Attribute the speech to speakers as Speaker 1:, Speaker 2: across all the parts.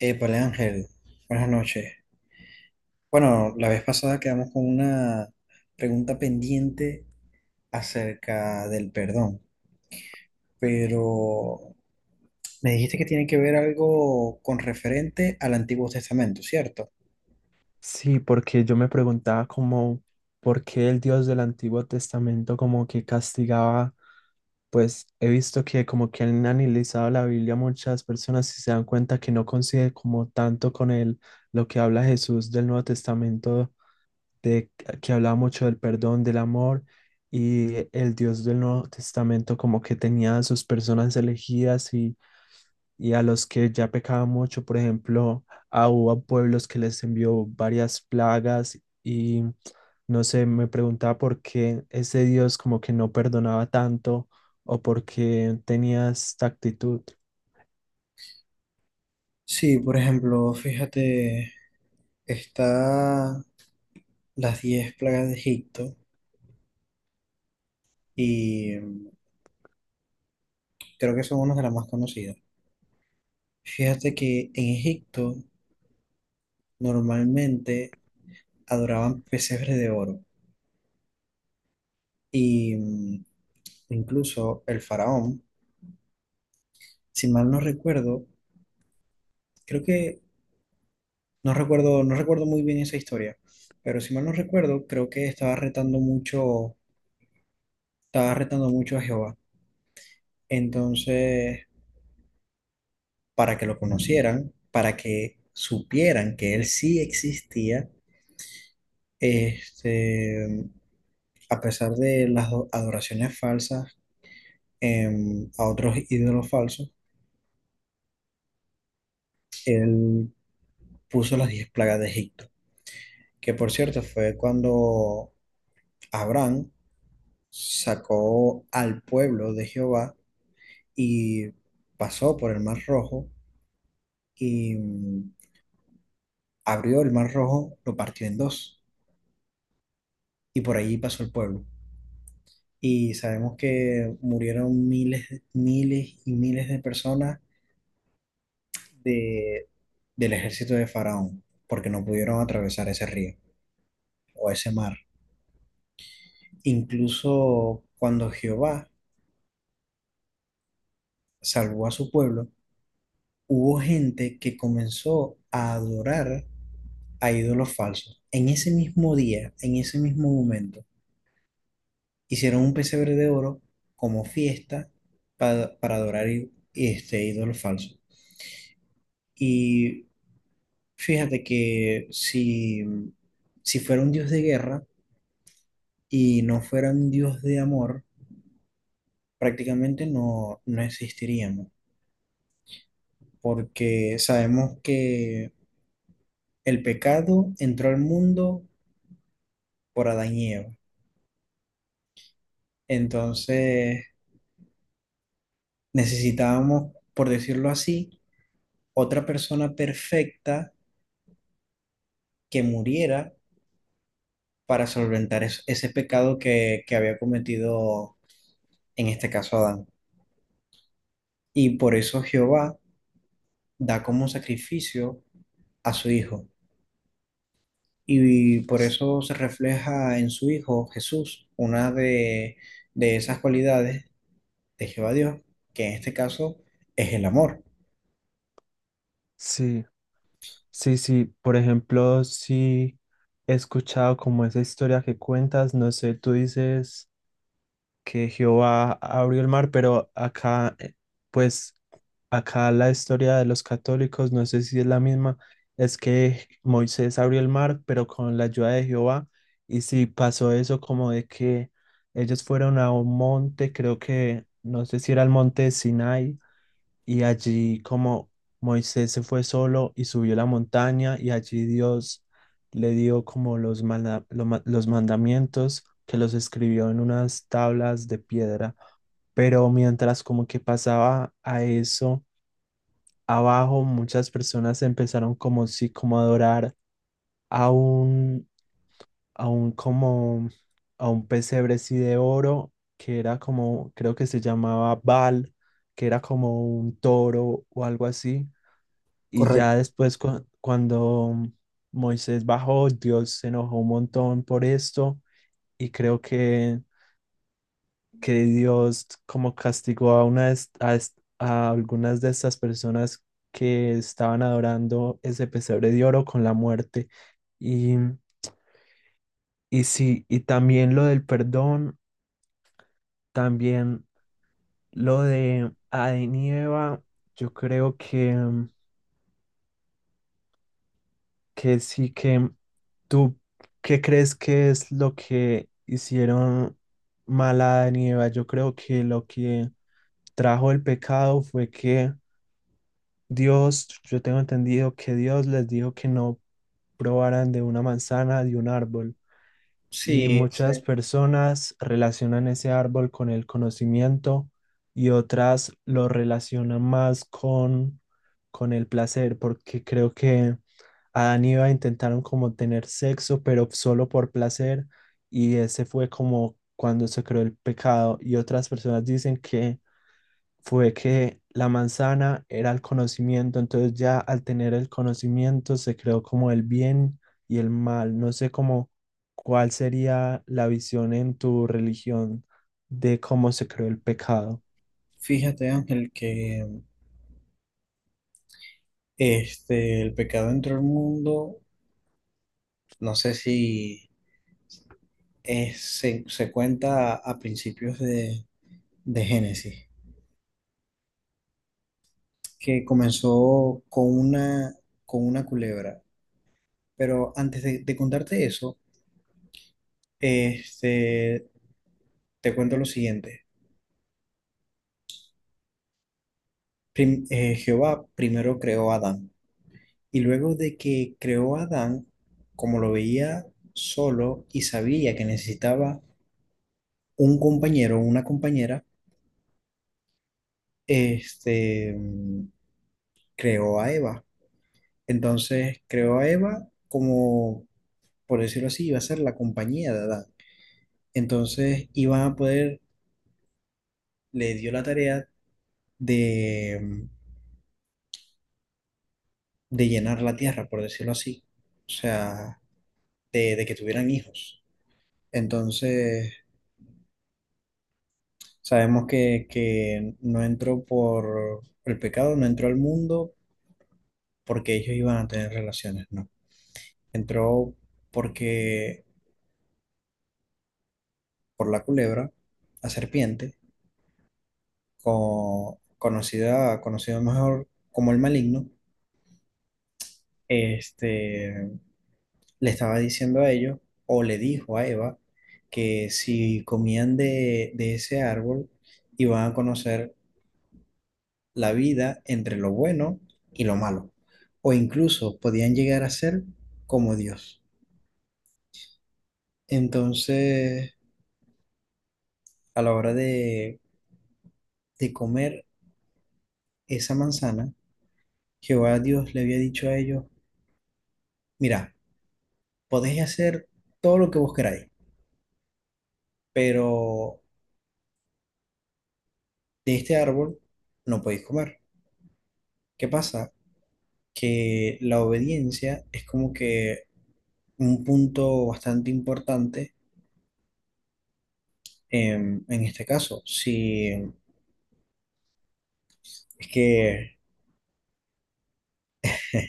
Speaker 1: Épale, Ángel, buenas noches. Bueno, la vez pasada quedamos con una pregunta pendiente acerca del perdón, pero me dijiste que tiene que ver algo con referente al Antiguo Testamento, ¿cierto?
Speaker 2: Sí, porque yo me preguntaba como por qué el Dios del Antiguo Testamento como que castigaba, pues he visto que como que han analizado la Biblia muchas personas y se dan cuenta que no coincide como tanto con el, lo que habla Jesús del Nuevo Testamento, de que hablaba mucho del perdón, del amor, y el Dios del Nuevo Testamento como que tenía a sus personas elegidas y a los que ya pecaban mucho, por ejemplo, a, hubo a pueblos que les envió varias plagas y no sé, me preguntaba por qué ese Dios como que no perdonaba tanto o por qué tenía esta actitud.
Speaker 1: Sí, por ejemplo, fíjate, está las 10 plagas de Egipto y creo que son una de las más conocidas. Fíjate que en Egipto normalmente adoraban pesebres de oro y incluso el faraón, si mal no recuerdo, creo que no recuerdo muy bien esa historia, pero si mal no recuerdo, creo que estaba retando mucho a Jehová. Entonces, para que lo conocieran, para que supieran que él sí existía, este, a pesar de las adoraciones falsas a otros ídolos falsos, él puso las 10 plagas de Egipto, que por cierto fue cuando Abraham sacó al pueblo de Jehová y pasó por el Mar Rojo y abrió el Mar Rojo, lo partió en dos y por allí pasó el pueblo. Y sabemos que murieron miles y miles de personas de, del ejército de Faraón porque no pudieron atravesar ese río o ese mar. Incluso cuando Jehová salvó a su pueblo, hubo gente que comenzó a adorar a ídolos falsos. En ese mismo día, en ese mismo momento, hicieron un pesebre de oro como fiesta para adorar este ídolo falso. Y fíjate que si fuera un dios de guerra y no fuera un dios de amor, prácticamente no existiríamos, porque sabemos que el pecado entró al mundo por Adán y Eva. Entonces necesitábamos, por decirlo así, otra persona perfecta que muriera para solventar ese pecado que había cometido en este caso Adán. Y por eso Jehová da como sacrificio a su hijo. Y por eso se refleja en su hijo Jesús una de esas cualidades de Jehová Dios, que en este caso es el amor.
Speaker 2: Sí, sí, sí, por ejemplo, sí he escuchado como esa historia que cuentas, no sé, tú dices... que Jehová abrió el mar, pero acá, pues, acá la historia de los católicos, no sé si es la misma, es que Moisés abrió el mar, pero con la ayuda de Jehová, y si pasó eso como de que ellos fueron a un monte, creo que, no sé si era el monte de Sinai, y allí como Moisés se fue solo y subió la montaña y allí Dios le dio como los, los mandamientos que los escribió en unas tablas de piedra. Pero mientras como que pasaba a eso, abajo muchas personas empezaron como si como a adorar a un, a un como a un pesebre sí de oro que era como, creo que se llamaba Baal, que era como un toro o algo así y
Speaker 1: Correcto.
Speaker 2: ya después cuando Moisés bajó, Dios se enojó un montón por esto y creo que Dios como castigó a algunas de estas personas que estaban adorando ese pesebre de oro con la muerte. Y, y sí, y también lo del perdón, también lo de Adán y Eva, yo creo que sí que tú, ¿qué crees que es lo que hicieron mal a Adán y Eva? Yo creo que lo que trajo el pecado fue que Dios, yo tengo entendido que Dios les dijo que no probaran de una manzana, de un árbol. Y
Speaker 1: Sí, sí.
Speaker 2: muchas personas relacionan ese árbol con el conocimiento y otras lo relacionan más con el placer, porque creo que a Aniva intentaron como tener sexo, pero solo por placer, y ese fue como cuando se creó el pecado. Y otras personas dicen que fue que la manzana era el conocimiento, entonces ya al tener el conocimiento se creó como el bien y el mal. No sé cómo cuál sería la visión en tu religión de cómo se creó el pecado.
Speaker 1: Fíjate, Ángel, que este, el pecado entró al mundo, no sé si se cuenta a principios de Génesis, que comenzó con con una culebra. Pero antes de contarte eso, este, te cuento lo siguiente. Jehová primero creó a Adán y luego de que creó a Adán, como lo veía solo y sabía que necesitaba un compañero o una compañera, este, mm, creó a Eva. Entonces creó a Eva como por decirlo así, iba a ser la compañía de Adán. Entonces le dio la tarea de, de llenar la tierra, por decirlo así. O sea, de que tuvieran hijos. Entonces, sabemos que no entró por el pecado, no entró al mundo porque ellos iban a tener relaciones, no. Entró porque, por la culebra, la serpiente, conocido mejor como el maligno, este, le estaba diciendo a ellos, o le dijo a Eva, que si comían de ese árbol, iban a conocer la vida entre lo bueno y lo malo, o incluso podían llegar a ser como Dios. Entonces, a la hora de comer esa manzana, Jehová Dios le había dicho a ellos, mira, podéis hacer todo lo que vos queráis, pero de este árbol no podéis comer. ¿Qué pasa? Que la obediencia es como que un punto bastante importante en este caso. Sí, es que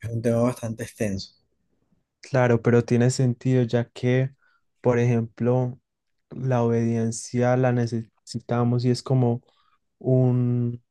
Speaker 1: es un tema bastante extenso.
Speaker 2: Claro, pero tiene sentido ya que, por ejemplo, la obediencia la necesitamos y es como un,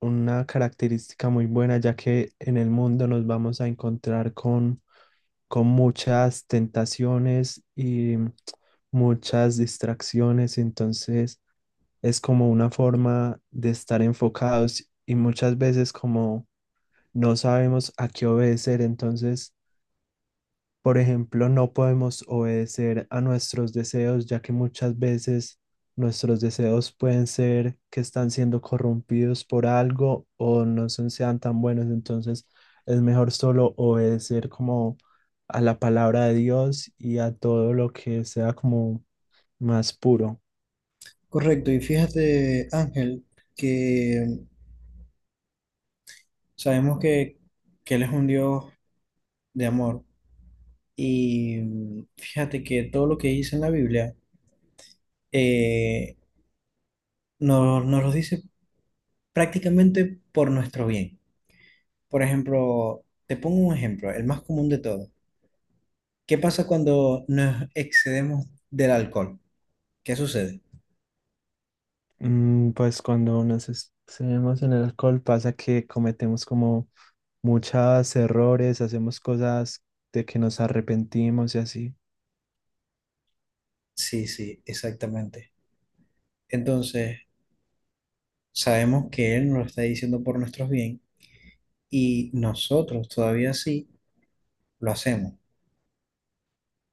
Speaker 2: una característica muy buena, ya que en el mundo nos vamos a encontrar con muchas tentaciones y muchas distracciones, entonces es como una forma de estar enfocados y muchas veces como no sabemos a qué obedecer, entonces por ejemplo, no podemos obedecer a nuestros deseos, ya que muchas veces nuestros deseos pueden ser que están siendo corrompidos por algo o no son, sean tan buenos. Entonces, es mejor solo obedecer como a la palabra de Dios y a todo lo que sea como más puro.
Speaker 1: Correcto, y fíjate, Ángel, que sabemos que Él es un Dios de amor. Y fíjate que todo lo que dice en la Biblia eh, nos lo dice prácticamente por nuestro bien. Por ejemplo, te pongo un ejemplo, el más común de todos. ¿Qué pasa cuando nos excedemos del alcohol? ¿Qué sucede?
Speaker 2: Mm, pues cuando nos excedemos en el alcohol pasa que cometemos como muchos errores, hacemos cosas de que nos arrepentimos y así.
Speaker 1: Sí, sí, exactamente. Entonces, sabemos que Él nos lo está diciendo por nuestros bien y nosotros todavía sí lo hacemos.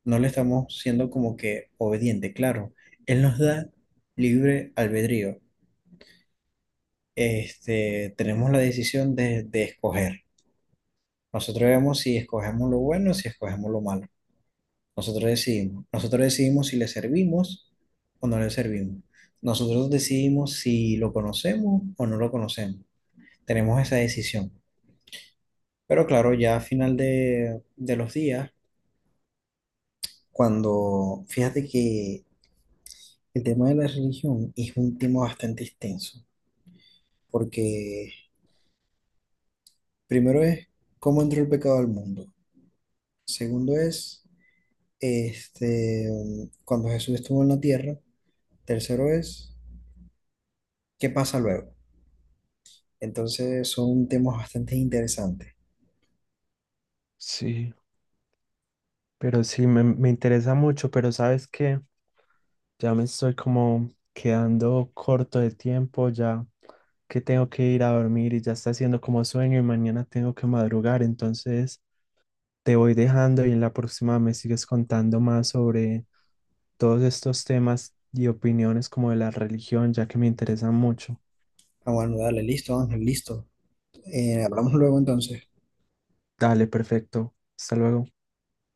Speaker 1: No le estamos siendo como que obediente, claro. Él nos da libre albedrío. Este, tenemos la decisión de escoger. Nosotros vemos si escogemos lo bueno o si escogemos lo malo. Nosotros decidimos. Nosotros decidimos si le servimos o no le servimos. Nosotros decidimos si lo conocemos o no lo conocemos. Tenemos esa decisión. Pero claro, ya a final de los días, cuando fíjate que el tema de la religión es un tema bastante extenso, porque primero es cómo entró el pecado al mundo. Segundo es este, cuando Jesús estuvo en la tierra. Tercero es qué pasa luego. Entonces son temas bastante interesantes.
Speaker 2: Sí. Pero sí, me interesa mucho, pero sabes que ya me estoy como quedando corto de tiempo, ya que tengo que ir a dormir y ya está haciendo como sueño y mañana tengo que madrugar, entonces te voy dejando y en la próxima me sigues contando más sobre todos estos temas y opiniones como de la religión, ya que me interesan mucho.
Speaker 1: Ah, bueno, dale, listo, Ángel, listo. Hablamos luego entonces.
Speaker 2: Dale, perfecto. Hasta luego.